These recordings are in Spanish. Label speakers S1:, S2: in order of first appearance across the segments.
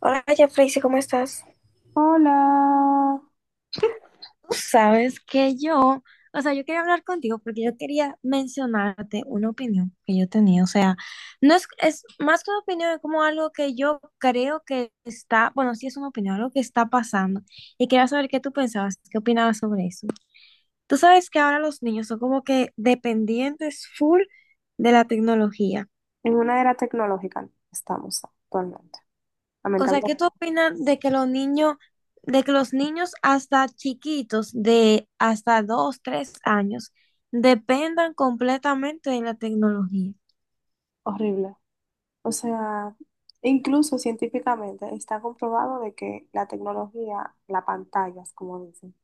S1: Hola, Jeffrey, ¿cómo estás?
S2: Hola.
S1: Tú sabes que yo, o sea, yo quería hablar contigo porque yo quería mencionarte una opinión que yo tenía. O sea, no es, es más que una opinión, es como algo que yo creo que está, bueno, sí es una opinión, algo que está pasando, y quería saber qué tú pensabas, qué opinabas sobre eso. Tú sabes que ahora los niños son como que dependientes full de la tecnología.
S2: En una era tecnológica estamos actualmente.
S1: O sea, ¿qué tú
S2: Lamentablemente,
S1: opinas de que los niños, hasta chiquitos, de hasta 2, 3 años, dependan completamente de la tecnología?
S2: horrible. O sea, incluso científicamente está comprobado de que la tecnología, las pantallas, como dicen,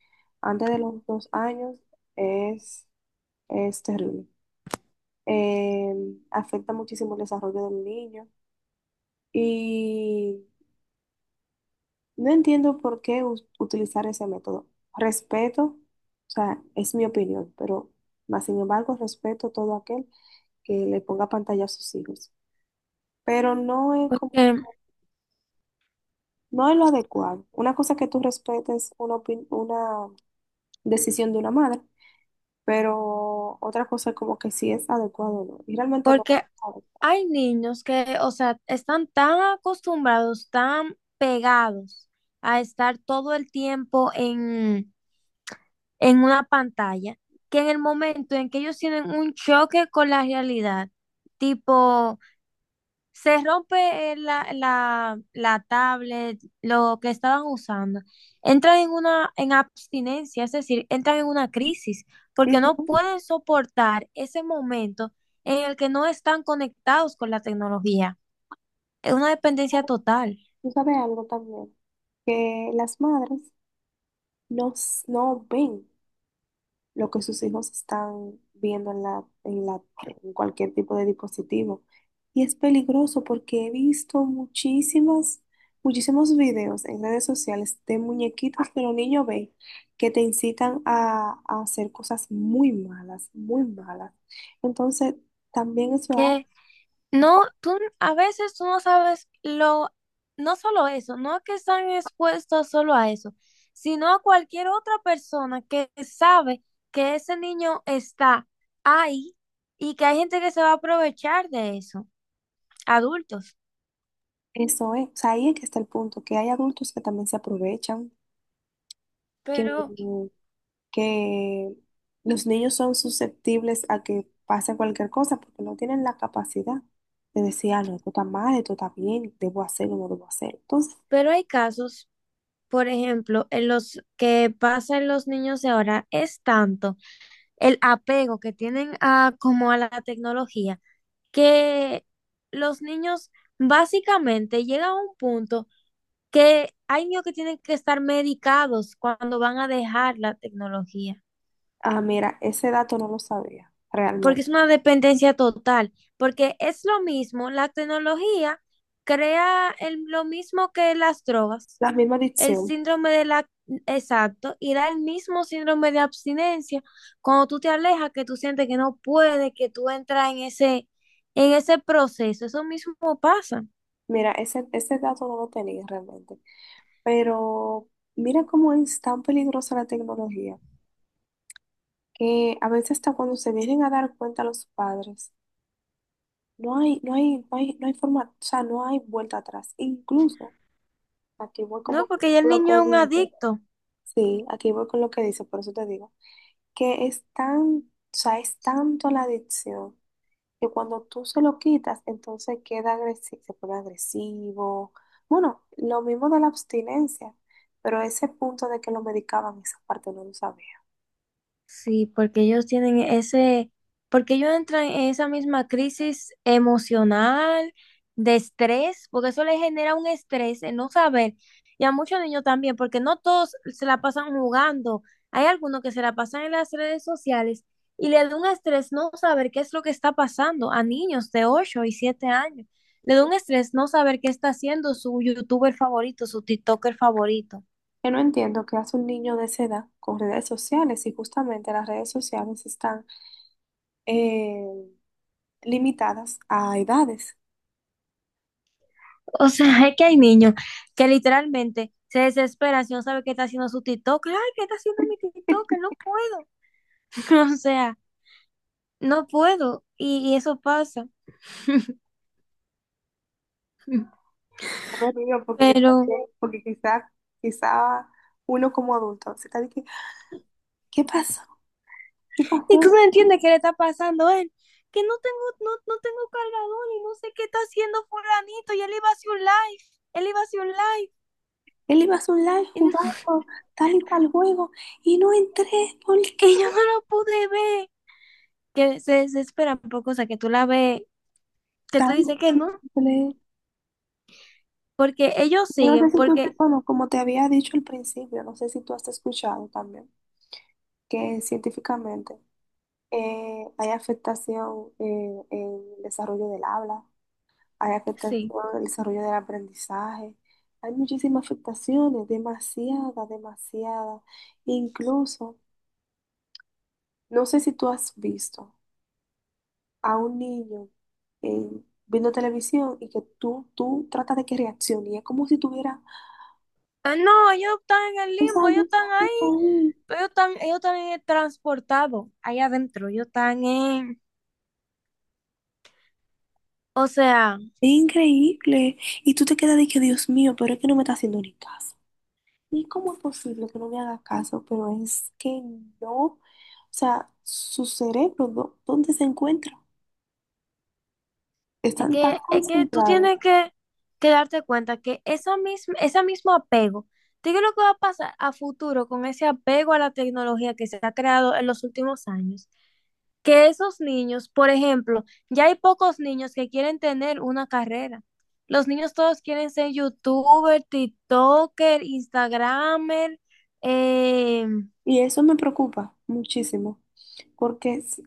S2: antes de los 2 años es, es terrible. Eh, afecta muchísimo el desarrollo del niño y no entiendo por qué utilizar ese método. Respeto, o sea, es mi opinión, pero más sin embargo respeto todo aquel que le ponga pantalla a sus hijos. Pero no es como,
S1: Porque,
S2: no es lo adecuado. Una cosa es que tú respetes una decisión de una madre, pero otra cosa es como que si es adecuado o no. Y realmente no
S1: porque
S2: es adecuado.
S1: hay niños que, o sea, están tan acostumbrados, tan pegados a estar todo el tiempo en una pantalla, que en el momento en que ellos tienen un choque con la realidad, tipo, se rompe la tablet, lo que estaban usando. Entran en una en abstinencia, es decir, entran en una crisis porque no
S2: Ujú.
S1: pueden soportar ese momento en el que no están conectados con la tecnología. Es una dependencia total.
S2: Tú sabes algo también, que las madres no, no ven lo que sus hijos están viendo en en cualquier tipo de dispositivo. Y es peligroso porque he visto muchísimos videos en redes sociales de muñequitos que los niños ven que te incitan a hacer cosas muy malas, muy malas. Entonces, también eso es
S1: Que no, tú a veces tú no sabes lo, no solo eso, no que están expuestos solo a eso, sino a cualquier otra persona que sabe que ese niño está ahí, y que hay gente que se va a aprovechar de eso, adultos.
S2: eso es, o sea, ahí es que está el punto, que hay adultos que también se aprovechan,
S1: Pero
S2: que que los niños son susceptibles a que pase cualquier cosa porque no tienen la capacidad de decir, ah, no, esto está mal, esto está bien, debo hacerlo, no debo hacer. Entonces,
S1: Pero hay casos, por ejemplo, en los que pasa en los niños de ahora. Es tanto el apego que tienen a como a la tecnología, que los niños básicamente llegan a un punto que hay niños que tienen que estar medicados cuando van a dejar la tecnología,
S2: ah, mira, ese dato no lo sabía
S1: porque
S2: realmente.
S1: es una dependencia total, porque es lo mismo, la tecnología crea lo mismo que las drogas.
S2: La misma
S1: El
S2: adicción,
S1: síndrome de la... Exacto, y da el mismo síndrome de abstinencia cuando tú te alejas, que tú sientes que no puedes, que tú entras en ese proceso. Eso mismo pasa,
S2: mira, ese dato no lo tenía realmente. Pero mira cómo es tan peligrosa la tecnología, que a veces hasta cuando se vienen a dar cuenta los padres, no hay, no hay, no hay, no hay forma, o sea, no hay vuelta atrás. Incluso aquí voy
S1: ¿no?
S2: como
S1: Porque ya el
S2: con lo que
S1: niño es un
S2: dice.
S1: adicto.
S2: Sí, aquí voy con lo que dice, por eso te digo. Que es tan, o sea, es tanto la adicción que cuando tú se lo quitas, entonces queda agresivo, se pone agresivo. Bueno, lo mismo de la abstinencia, pero ese punto de que lo medicaban, esa parte no lo sabía.
S1: Sí, porque ellos tienen ese, porque ellos entran en esa misma crisis emocional, de estrés, porque eso les genera un estrés, el no saber. Y a muchos niños también, porque no todos se la pasan jugando. Hay algunos que se la pasan en las redes sociales, y le da un estrés no saber qué es lo que está pasando a niños de 8 y 7 años. Le da un estrés no saber qué está haciendo su youtuber favorito, su TikToker favorito.
S2: Yo no entiendo qué hace un niño de esa edad con redes sociales y justamente las redes sociales están eh, limitadas a edades.
S1: O sea, es que hay niños que literalmente se desesperan si no sabe qué está haciendo su TikTok. Ay, ¿qué está haciendo mi TikTok? Que no puedo. O sea, no puedo. Y eso pasa.
S2: No me río porque,
S1: Pero,
S2: porque quizá uno como adulto se está diciendo, ¿qué pasó? ¿Qué
S1: y tú no
S2: pasó?
S1: entiendes qué le está pasando a él. Que no tengo, no, no tengo cargador y no sé qué está haciendo fulanito. Y él iba a hacer un live. Él iba a hacer un live.
S2: Él iba a su live
S1: Y, no-
S2: jugando tal y cual juego y no entré. ¿Por qué?
S1: y yo no lo pude ver. Que se desesperan por cosas que tú la ves, que tú
S2: Tan
S1: dices que no.
S2: simple.
S1: Porque ellos
S2: No sé
S1: siguen,
S2: si tú,
S1: porque
S2: bueno, como te había dicho al principio, no sé si tú has escuchado también que científicamente hay afectación en el desarrollo del habla. Hay afectación
S1: sí.
S2: el desarrollo del aprendizaje. Hay muchísimas afectaciones, demasiada, demasiada. Incluso, no sé si tú has visto a un niño viendo televisión y que tú tratas de que reaccione y es como si tuviera,
S1: Ah, no, ellos están en el
S2: o sea,
S1: limbo,
S2: yo
S1: ellos están
S2: estoy
S1: ahí,
S2: ahí.
S1: pero ellos están en el transportado, ahí adentro, ellos están en... O sea,
S2: Es increíble. Y tú te quedas de que, Dios mío, pero es que no me está haciendo ni caso. ¿Y cómo es posible que no me haga caso? Pero es que no, o sea, su cerebro, ¿dónde se encuentra?
S1: es
S2: Están tan
S1: que, es que tú
S2: concentrados
S1: tienes que, darte cuenta que esa misma, ese mismo apego, ¿tú qué es lo que va a pasar a futuro con ese apego a la tecnología que se ha creado en los últimos años? Que esos niños, por ejemplo, ya hay pocos niños que quieren tener una carrera. Los niños todos quieren ser youtuber, tiktoker, instagramer, eh,
S2: y eso me preocupa muchísimo porque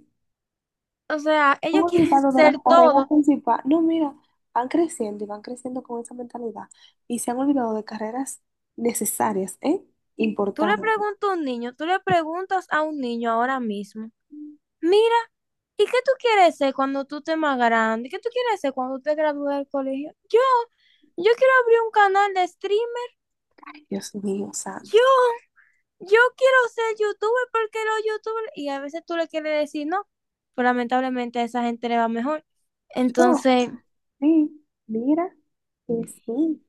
S1: o sea,
S2: han
S1: ellos quieren
S2: olvidado de las
S1: ser
S2: carreras
S1: todo.
S2: principales. No, mira, van creciendo y van creciendo con esa mentalidad y se han olvidado de carreras necesarias, ¿eh?
S1: Tú le
S2: Importantes.
S1: preguntas a un niño, tú le preguntas a un niño ahora mismo, mira, ¿y qué tú quieres ser cuando tú estés más grande? ¿Qué tú quieres ser cuando te gradúes del colegio? Yo quiero abrir un canal de streamer.
S2: Dios mío,
S1: yo,
S2: santo.
S1: yo quiero ser youtuber, porque los youtubers, y a veces tú le quieres decir no, pero lamentablemente a esa gente le va mejor.
S2: No,
S1: Entonces,
S2: sí, mira que sí.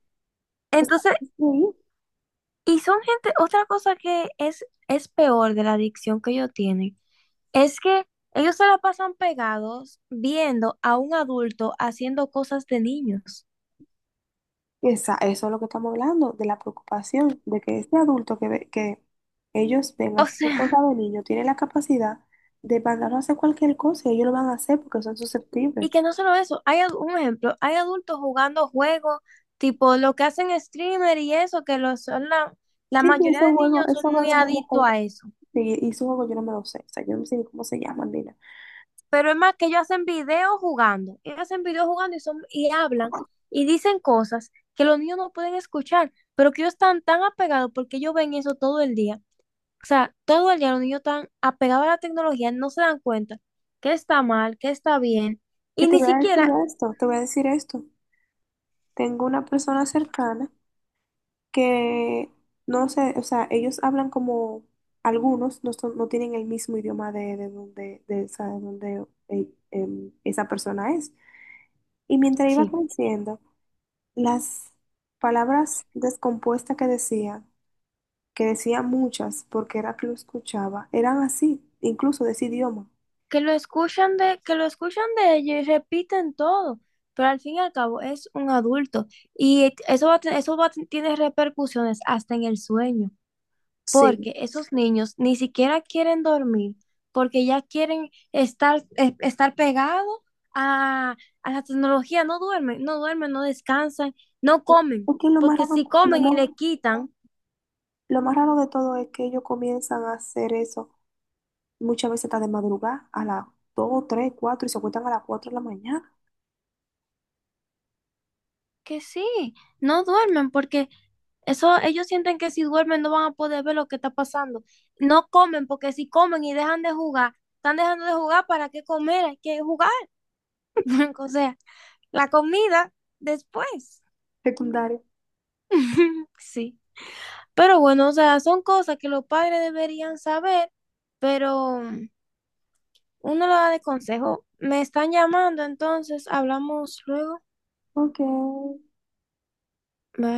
S2: O sea,
S1: entonces,
S2: es increíble.
S1: y son gente. Otra cosa que es peor de la adicción que ellos tienen, es que ellos se la pasan pegados viendo a un adulto haciendo cosas de niños.
S2: Eso es lo que estamos hablando, de la preocupación de que este adulto que, que ellos ven
S1: O
S2: haciendo
S1: sea,
S2: cosas de niño tiene la capacidad de mandarlo a hacer cualquier cosa y ellos lo van a hacer porque son susceptibles.
S1: y que no solo eso, un ejemplo, hay adultos jugando juegos, tipo lo que hacen streamer y eso, que los, son la
S2: Sí, sí,
S1: mayoría
S2: esos
S1: de
S2: juegos,
S1: niños son
S2: esos juegos
S1: muy
S2: son de
S1: adictos
S2: adultos.
S1: a eso.
S2: Sí, y esos juegos yo no me los sé, o sea, yo no sé ni cómo se llaman, mira.
S1: Pero es más que ellos hacen videos jugando, ellos hacen videos jugando y hablan y dicen cosas que los niños no pueden escuchar, pero que ellos están tan apegados porque ellos ven eso todo el día. O sea, todo el día los niños están apegados a la tecnología, no se dan cuenta que está mal, que está bien,
S2: Que
S1: y
S2: te
S1: ni
S2: voy a decir
S1: siquiera,
S2: esto, te voy a decir esto. Tengo una persona cercana que no sé, o sea, ellos hablan como algunos, no, no tienen el mismo idioma de donde, de donde esa persona es. Y mientras iba
S1: sí.
S2: creciendo, las palabras descompuestas que decía, muchas, porque era que lo escuchaba, eran así, incluso de ese idioma.
S1: Que lo escuchan de ellos y repiten todo, pero al fin y al cabo es un adulto, y eso va, a te- eso va, a te- tiene repercusiones hasta en el sueño,
S2: Sí.
S1: porque esos niños ni siquiera quieren dormir, porque ya quieren estar, estar pegados a, a la tecnología, no duermen, no duermen, no descansan, no
S2: Es
S1: comen,
S2: lo más
S1: porque
S2: raro,
S1: si comen y le quitan,
S2: lo más raro de todo es que ellos comienzan a hacer eso muchas veces hasta de madrugada, a las 2, 3, 4 y se acuestan a las 4 de la mañana.
S1: que sí, no duermen porque eso ellos sienten que si duermen no van a poder ver lo que está pasando. No comen porque si comen y dejan de jugar, están dejando de jugar, ¿para qué comer? Hay que jugar. O sea, la comida después.
S2: Secundaria.
S1: Sí. Pero bueno, o sea, son cosas que los padres deberían saber, pero uno lo da de consejo. Me están llamando, entonces hablamos luego.
S2: Ok.
S1: Bye.